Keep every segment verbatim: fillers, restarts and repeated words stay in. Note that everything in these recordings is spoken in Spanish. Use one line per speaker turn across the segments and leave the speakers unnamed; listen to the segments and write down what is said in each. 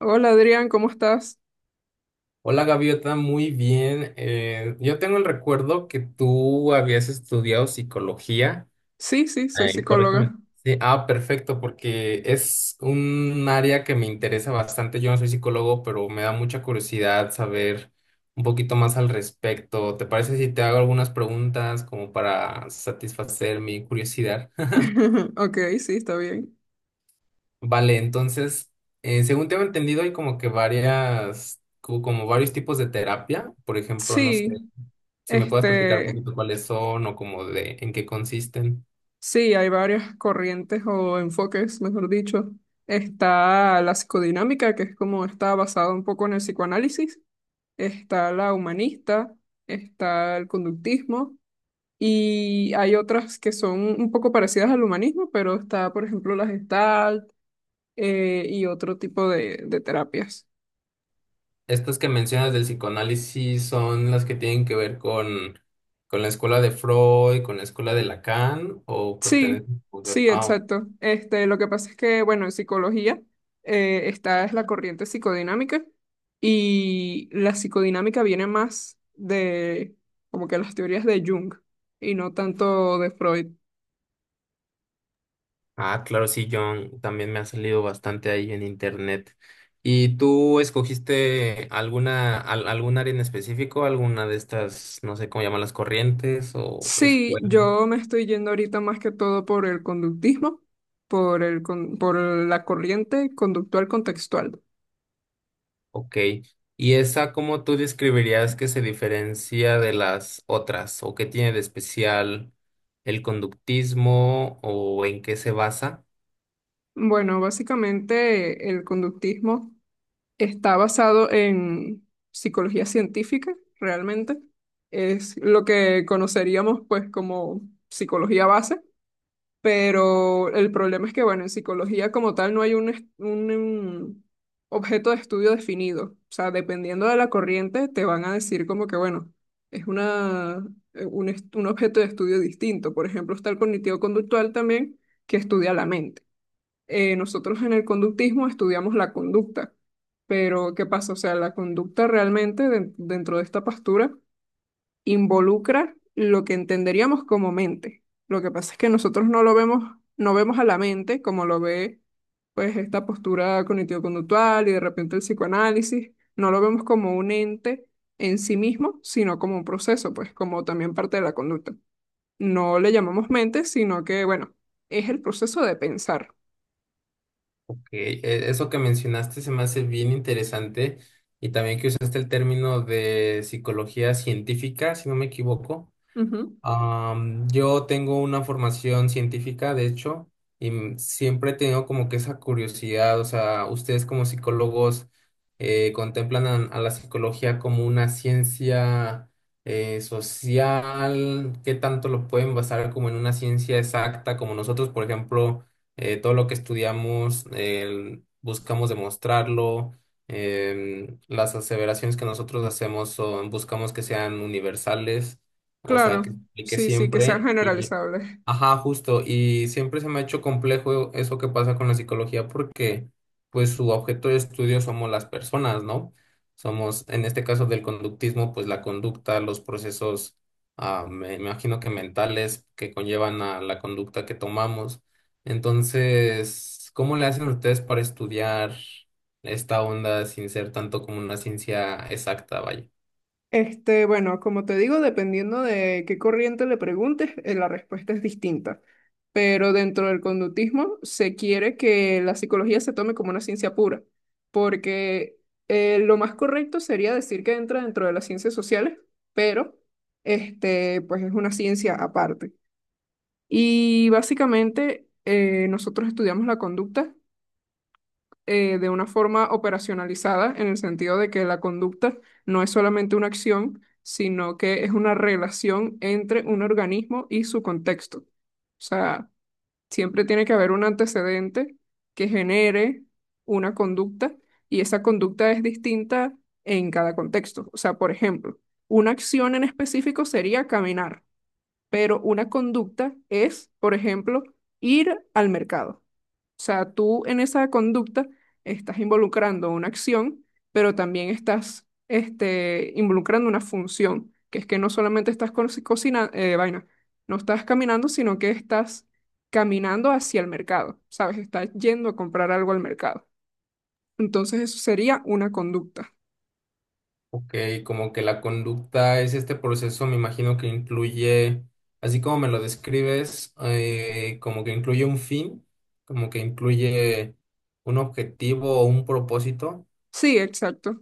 Hola Adrián, ¿cómo estás?
Hola Gaviota, muy bien. Eh, yo tengo el recuerdo que tú habías estudiado psicología.
Sí, sí, soy
Eh, corrígeme.
psicóloga.
Sí, ah, perfecto, porque es un área que me interesa bastante. Yo no soy psicólogo, pero me da mucha curiosidad saber un poquito más al respecto. ¿Te parece si te hago algunas preguntas como para satisfacer mi curiosidad?
Ok, sí, está bien.
Vale, entonces, eh, según tengo entendido, hay como que varias, co- como varios tipos de terapia. Por ejemplo, no sé.
Sí,
Si me puedes platicar un
este,
poquito cuáles son o como de en qué consisten.
sí, hay varias corrientes o enfoques, mejor dicho. Está la psicodinámica, que es como está basada un poco en el psicoanálisis. Está la humanista, está el conductismo y hay otras que son un poco parecidas al humanismo, pero está, por ejemplo, la Gestalt eh, y otro tipo de de terapias.
Estas que mencionas del psicoanálisis son las que tienen que ver con, con la escuela de Freud, con la escuela de Lacan o
Sí,
pertenecen...
sí,
ah,
exacto. Este, lo que pasa es que, bueno, en psicología, eh, esta es la corriente psicodinámica y la psicodinámica viene más de como que las teorías de Jung y no tanto de Freud.
ah, claro, sí, John, también me ha salido bastante ahí en internet. ¿Y tú escogiste alguna, al- algún área en específico, alguna de estas, no sé cómo llaman las corrientes o
Sí,
escuelas?
yo me estoy yendo ahorita más que todo por el conductismo, por el, con- por la corriente conductual contextual.
Ok. ¿Y esa cómo tú describirías que se diferencia de las otras? ¿O qué tiene de especial el conductismo? ¿O en qué se basa?
Bueno, básicamente el conductismo está basado en psicología científica, realmente. Es lo que conoceríamos pues como psicología base, pero el problema es que, bueno, en psicología como tal no hay un, est- un, um, objeto de estudio definido. O sea, dependiendo de la corriente, te van a decir como que, bueno, es una, eh, un, est- un objeto de estudio distinto. Por ejemplo, está el cognitivo-conductual también, que estudia la mente. Eh, nosotros en el conductismo estudiamos la conducta, pero ¿qué pasa? O sea, la conducta realmente den- dentro de esta pastura involucra lo que entenderíamos como mente. Lo que pasa es que nosotros no lo vemos, no vemos a la mente como lo ve pues esta postura cognitivo-conductual y de repente el psicoanálisis, no lo vemos como un ente en sí mismo, sino como un proceso, pues como también parte de la conducta. No le llamamos mente, sino que, bueno, es el proceso de pensar.
Ok, e- eso que mencionaste se me hace bien interesante. Y también que usaste el término de psicología científica, si no me equivoco.
Ujú.
Am, yo tengo una formación científica, de hecho, y m- siempre he tenido como que esa curiosidad, o sea, ustedes como psicólogos eh, contemplan a, a la psicología como una ciencia eh, social, ¿qué tanto lo pueden basar como en una ciencia exacta? Como nosotros, por ejemplo, eh, todo lo que estudiamos el- buscamos demostrarlo. Em, las aseveraciones que nosotros hacemos son, buscamos que sean universales. O sea,
Claro,
que se aplique
sí, sí, que sean
siempre y,
generalizables.
ajá, justo, y siempre se me ha hecho complejo eso que pasa con la psicología porque pues su objeto de estudio somos las personas, ¿no? Somos, en este caso del conductismo, pues la conducta, los procesos, ah, me imagino que mentales que conllevan a la conducta que tomamos. Entonces, ¿cómo le hacen ustedes para estudiar esta onda sin ser tanto como una ciencia exacta, vaya?
Este, bueno, como te digo, dependiendo de qué corriente le preguntes, eh, la respuesta es distinta. Pero dentro del conductismo se quiere que la psicología se tome como una ciencia pura, porque eh, lo más correcto sería decir que entra dentro de las ciencias sociales, pero este, pues es una ciencia aparte. Y básicamente eh, nosotros estudiamos la conducta eh, de una forma operacionalizada, en el sentido de que la conducta no es solamente una acción, sino que es una relación entre un organismo y su contexto. O sea, siempre tiene que haber un antecedente que genere una conducta y esa conducta es distinta en cada contexto. O sea, por ejemplo, una acción en específico sería caminar, pero una conducta es, por ejemplo, ir al mercado. O sea, tú en esa conducta estás involucrando una acción, pero también estás este, involucrando una función, que es que no solamente estás cocinando, vaina, no estás caminando, sino que estás caminando hacia el mercado, ¿sabes? Estás yendo a comprar algo al mercado. Entonces eso sería una conducta.
Ok, como que la conducta es este proceso, me imagino que incluye, así como me lo describes, eh, como que incluye un fin, como que incluye un objetivo o un propósito.
Sí, exacto.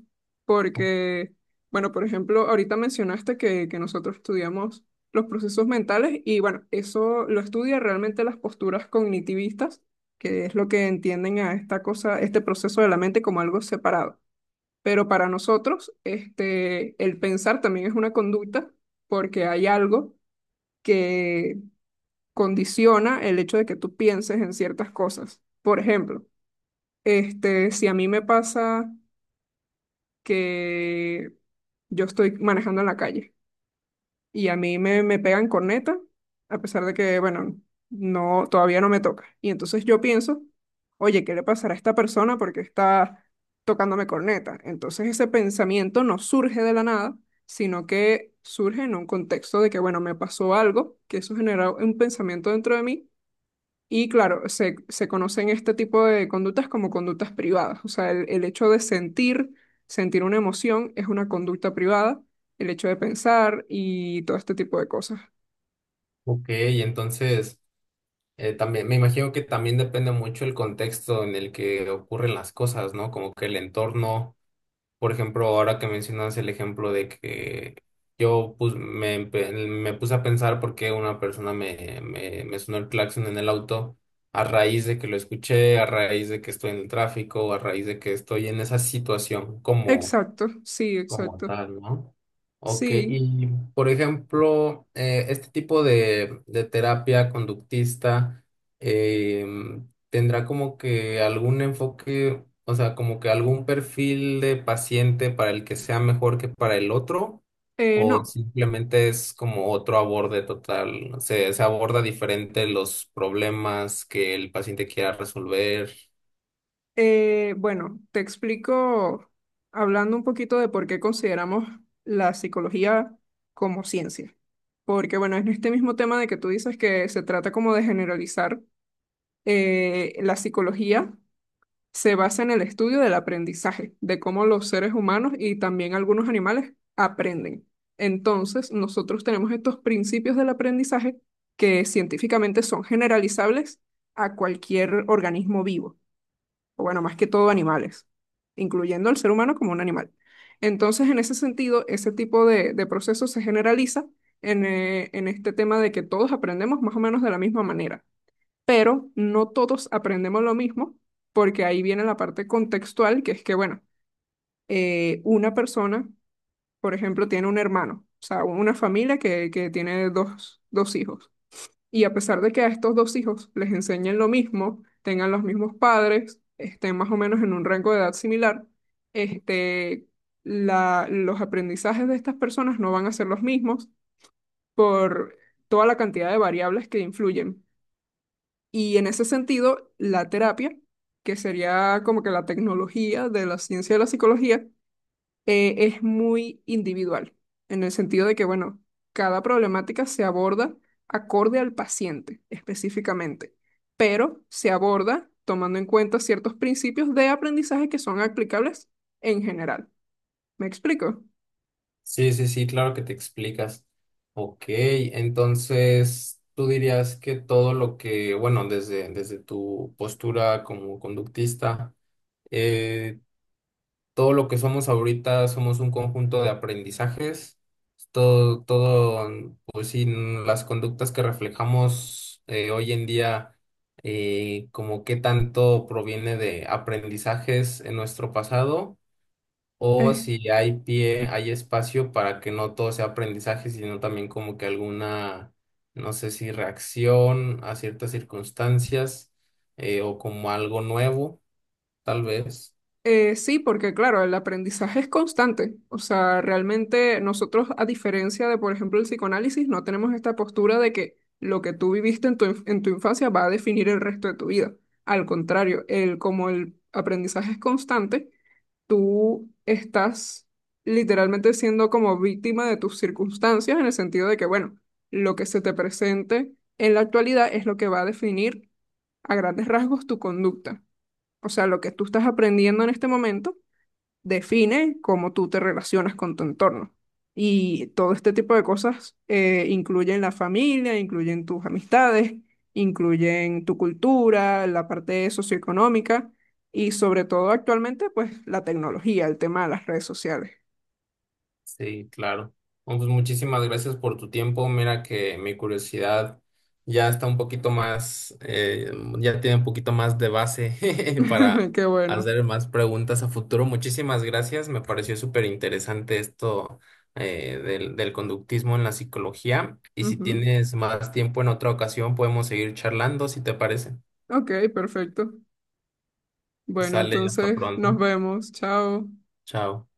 O-
Porque, bueno, por ejemplo, ahorita mencionaste que, que nosotros estudiamos los procesos mentales y bueno, eso lo estudia realmente las posturas cognitivistas, que es lo que entienden a esta cosa, este proceso de la mente como algo separado. Pero para nosotros, este, el pensar también es una conducta porque hay algo que condiciona el hecho de que tú pienses en ciertas cosas. Por ejemplo, este, si a mí me pasa que yo estoy manejando en la calle y a mí me, me pegan corneta, a pesar de que, bueno, no, todavía no me toca. Y entonces yo pienso, oye, ¿qué le pasará a esta persona porque está tocándome corneta? Entonces ese pensamiento no surge de la nada, sino que surge en un contexto de que, bueno, me pasó algo, que eso generó un pensamiento dentro de mí y claro, se, se conocen este tipo de conductas como conductas privadas. O sea, el, el hecho de sentir, sentir, una emoción es una conducta privada, el hecho de pensar y todo este tipo de cosas.
Ok, entonces eh, también me imagino que también depende mucho el contexto en el que ocurren las cosas, ¿no? Como que el entorno. Por ejemplo, ahora que mencionas el ejemplo de que yo pus- me, empe- me puse a pensar por qué una persona me, me, me sonó el claxon en el auto a raíz de que lo escuché, a raíz de que estoy en el tráfico, a raíz de que estoy en esa situación como
Exacto, sí,
como
exacto.
tal, ¿no? Ok,
Sí,
y por ejemplo, eh, este tipo de, de terapia conductista em, tendrá como que algún enfoque, o sea, como que algún perfil de paciente para el que sea mejor que para el otro,
eh,
o
no.
simplemente es como otro aborde total, se, se aborda diferente los problemas que el paciente quiera resolver.
Eh, bueno, te explico hablando un poquito de por qué consideramos la psicología como ciencia. Porque bueno, en este mismo tema de que tú dices que se trata como de generalizar eh, la psicología. Se basa en el estudio del aprendizaje, de cómo los seres humanos y también algunos animales aprenden. Entonces, nosotros tenemos estos principios del aprendizaje que científicamente son generalizables a cualquier organismo vivo, o bueno, más que todo animales, incluyendo al ser humano como un animal. Entonces, en ese sentido, ese tipo de, de proceso se generaliza en, eh, en este tema de que todos aprendemos más o menos de la misma manera pero no todos aprendemos lo mismo, porque ahí viene la parte contextual, que es que, bueno, eh, una persona, por ejemplo, tiene un hermano, o sea, una familia que, que tiene dos, dos hijos. Y a pesar de que a estos dos hijos les enseñen lo mismo, tengan los mismos padres, estén más o menos en un rango de edad similar, este, la, los aprendizajes de estas personas no van a ser los mismos por toda la cantidad de variables que influyen. Y en ese sentido, la terapia, que sería como que la tecnología de la ciencia de la psicología, eh, es muy individual, en el sentido de que, bueno, cada problemática se aborda acorde al paciente específicamente, pero se aborda tomando en cuenta ciertos principios de aprendizaje que son aplicables en general. ¿Me explico?
Sí, sí, sí, claro que te explicas. Ok, entonces tú dirías que todo lo que, bueno, desde, desde tu postura como conductista, eh, todo lo que somos ahorita somos un conjunto de aprendizajes. Todo, todo, pues sí, las conductas que reflejamos eh, hoy en día, eh, como qué tanto proviene de aprendizajes en nuestro pasado o si hay pie, hay espacio para que no todo sea aprendizaje, sino también como que alguna, no sé si reacción a ciertas circunstancias eh, o como algo nuevo, tal vez.
Eh, sí, porque claro, el aprendizaje es constante. O sea, realmente nosotros, a diferencia de, por ejemplo, el psicoanálisis, no tenemos esta postura de que lo que tú viviste en tu, inf- en tu infancia va a definir el resto de tu vida. Al contrario, el, como el aprendizaje es constante, tú estás literalmente siendo como víctima de tus circunstancias en el sentido de que, bueno, lo que se te presente en la actualidad es lo que va a definir a grandes rasgos tu conducta. O sea, lo que tú estás aprendiendo en este momento define cómo tú te relacionas con tu entorno. Y todo este tipo de cosas eh, incluyen la familia, incluyen tus amistades, incluyen tu cultura, la parte socioeconómica y sobre todo actualmente, pues la tecnología, el tema de las redes sociales.
Sí, claro. Bueno, pues muchísimas gracias por tu tiempo. Mira que mi curiosidad ya está un poquito más, eh, ya tiene un poquito más de base para
Qué bueno.
hacer más preguntas a futuro. Muchísimas gracias. Me pareció súper interesante esto eh, del, del conductismo en la psicología. Y si
Ujú.
tienes más tiempo en otra ocasión, podemos seguir charlando, si te parece.
Ok, perfecto. Bueno,
Sale, hasta
entonces nos
pronto.
vemos. Chao.
Chao.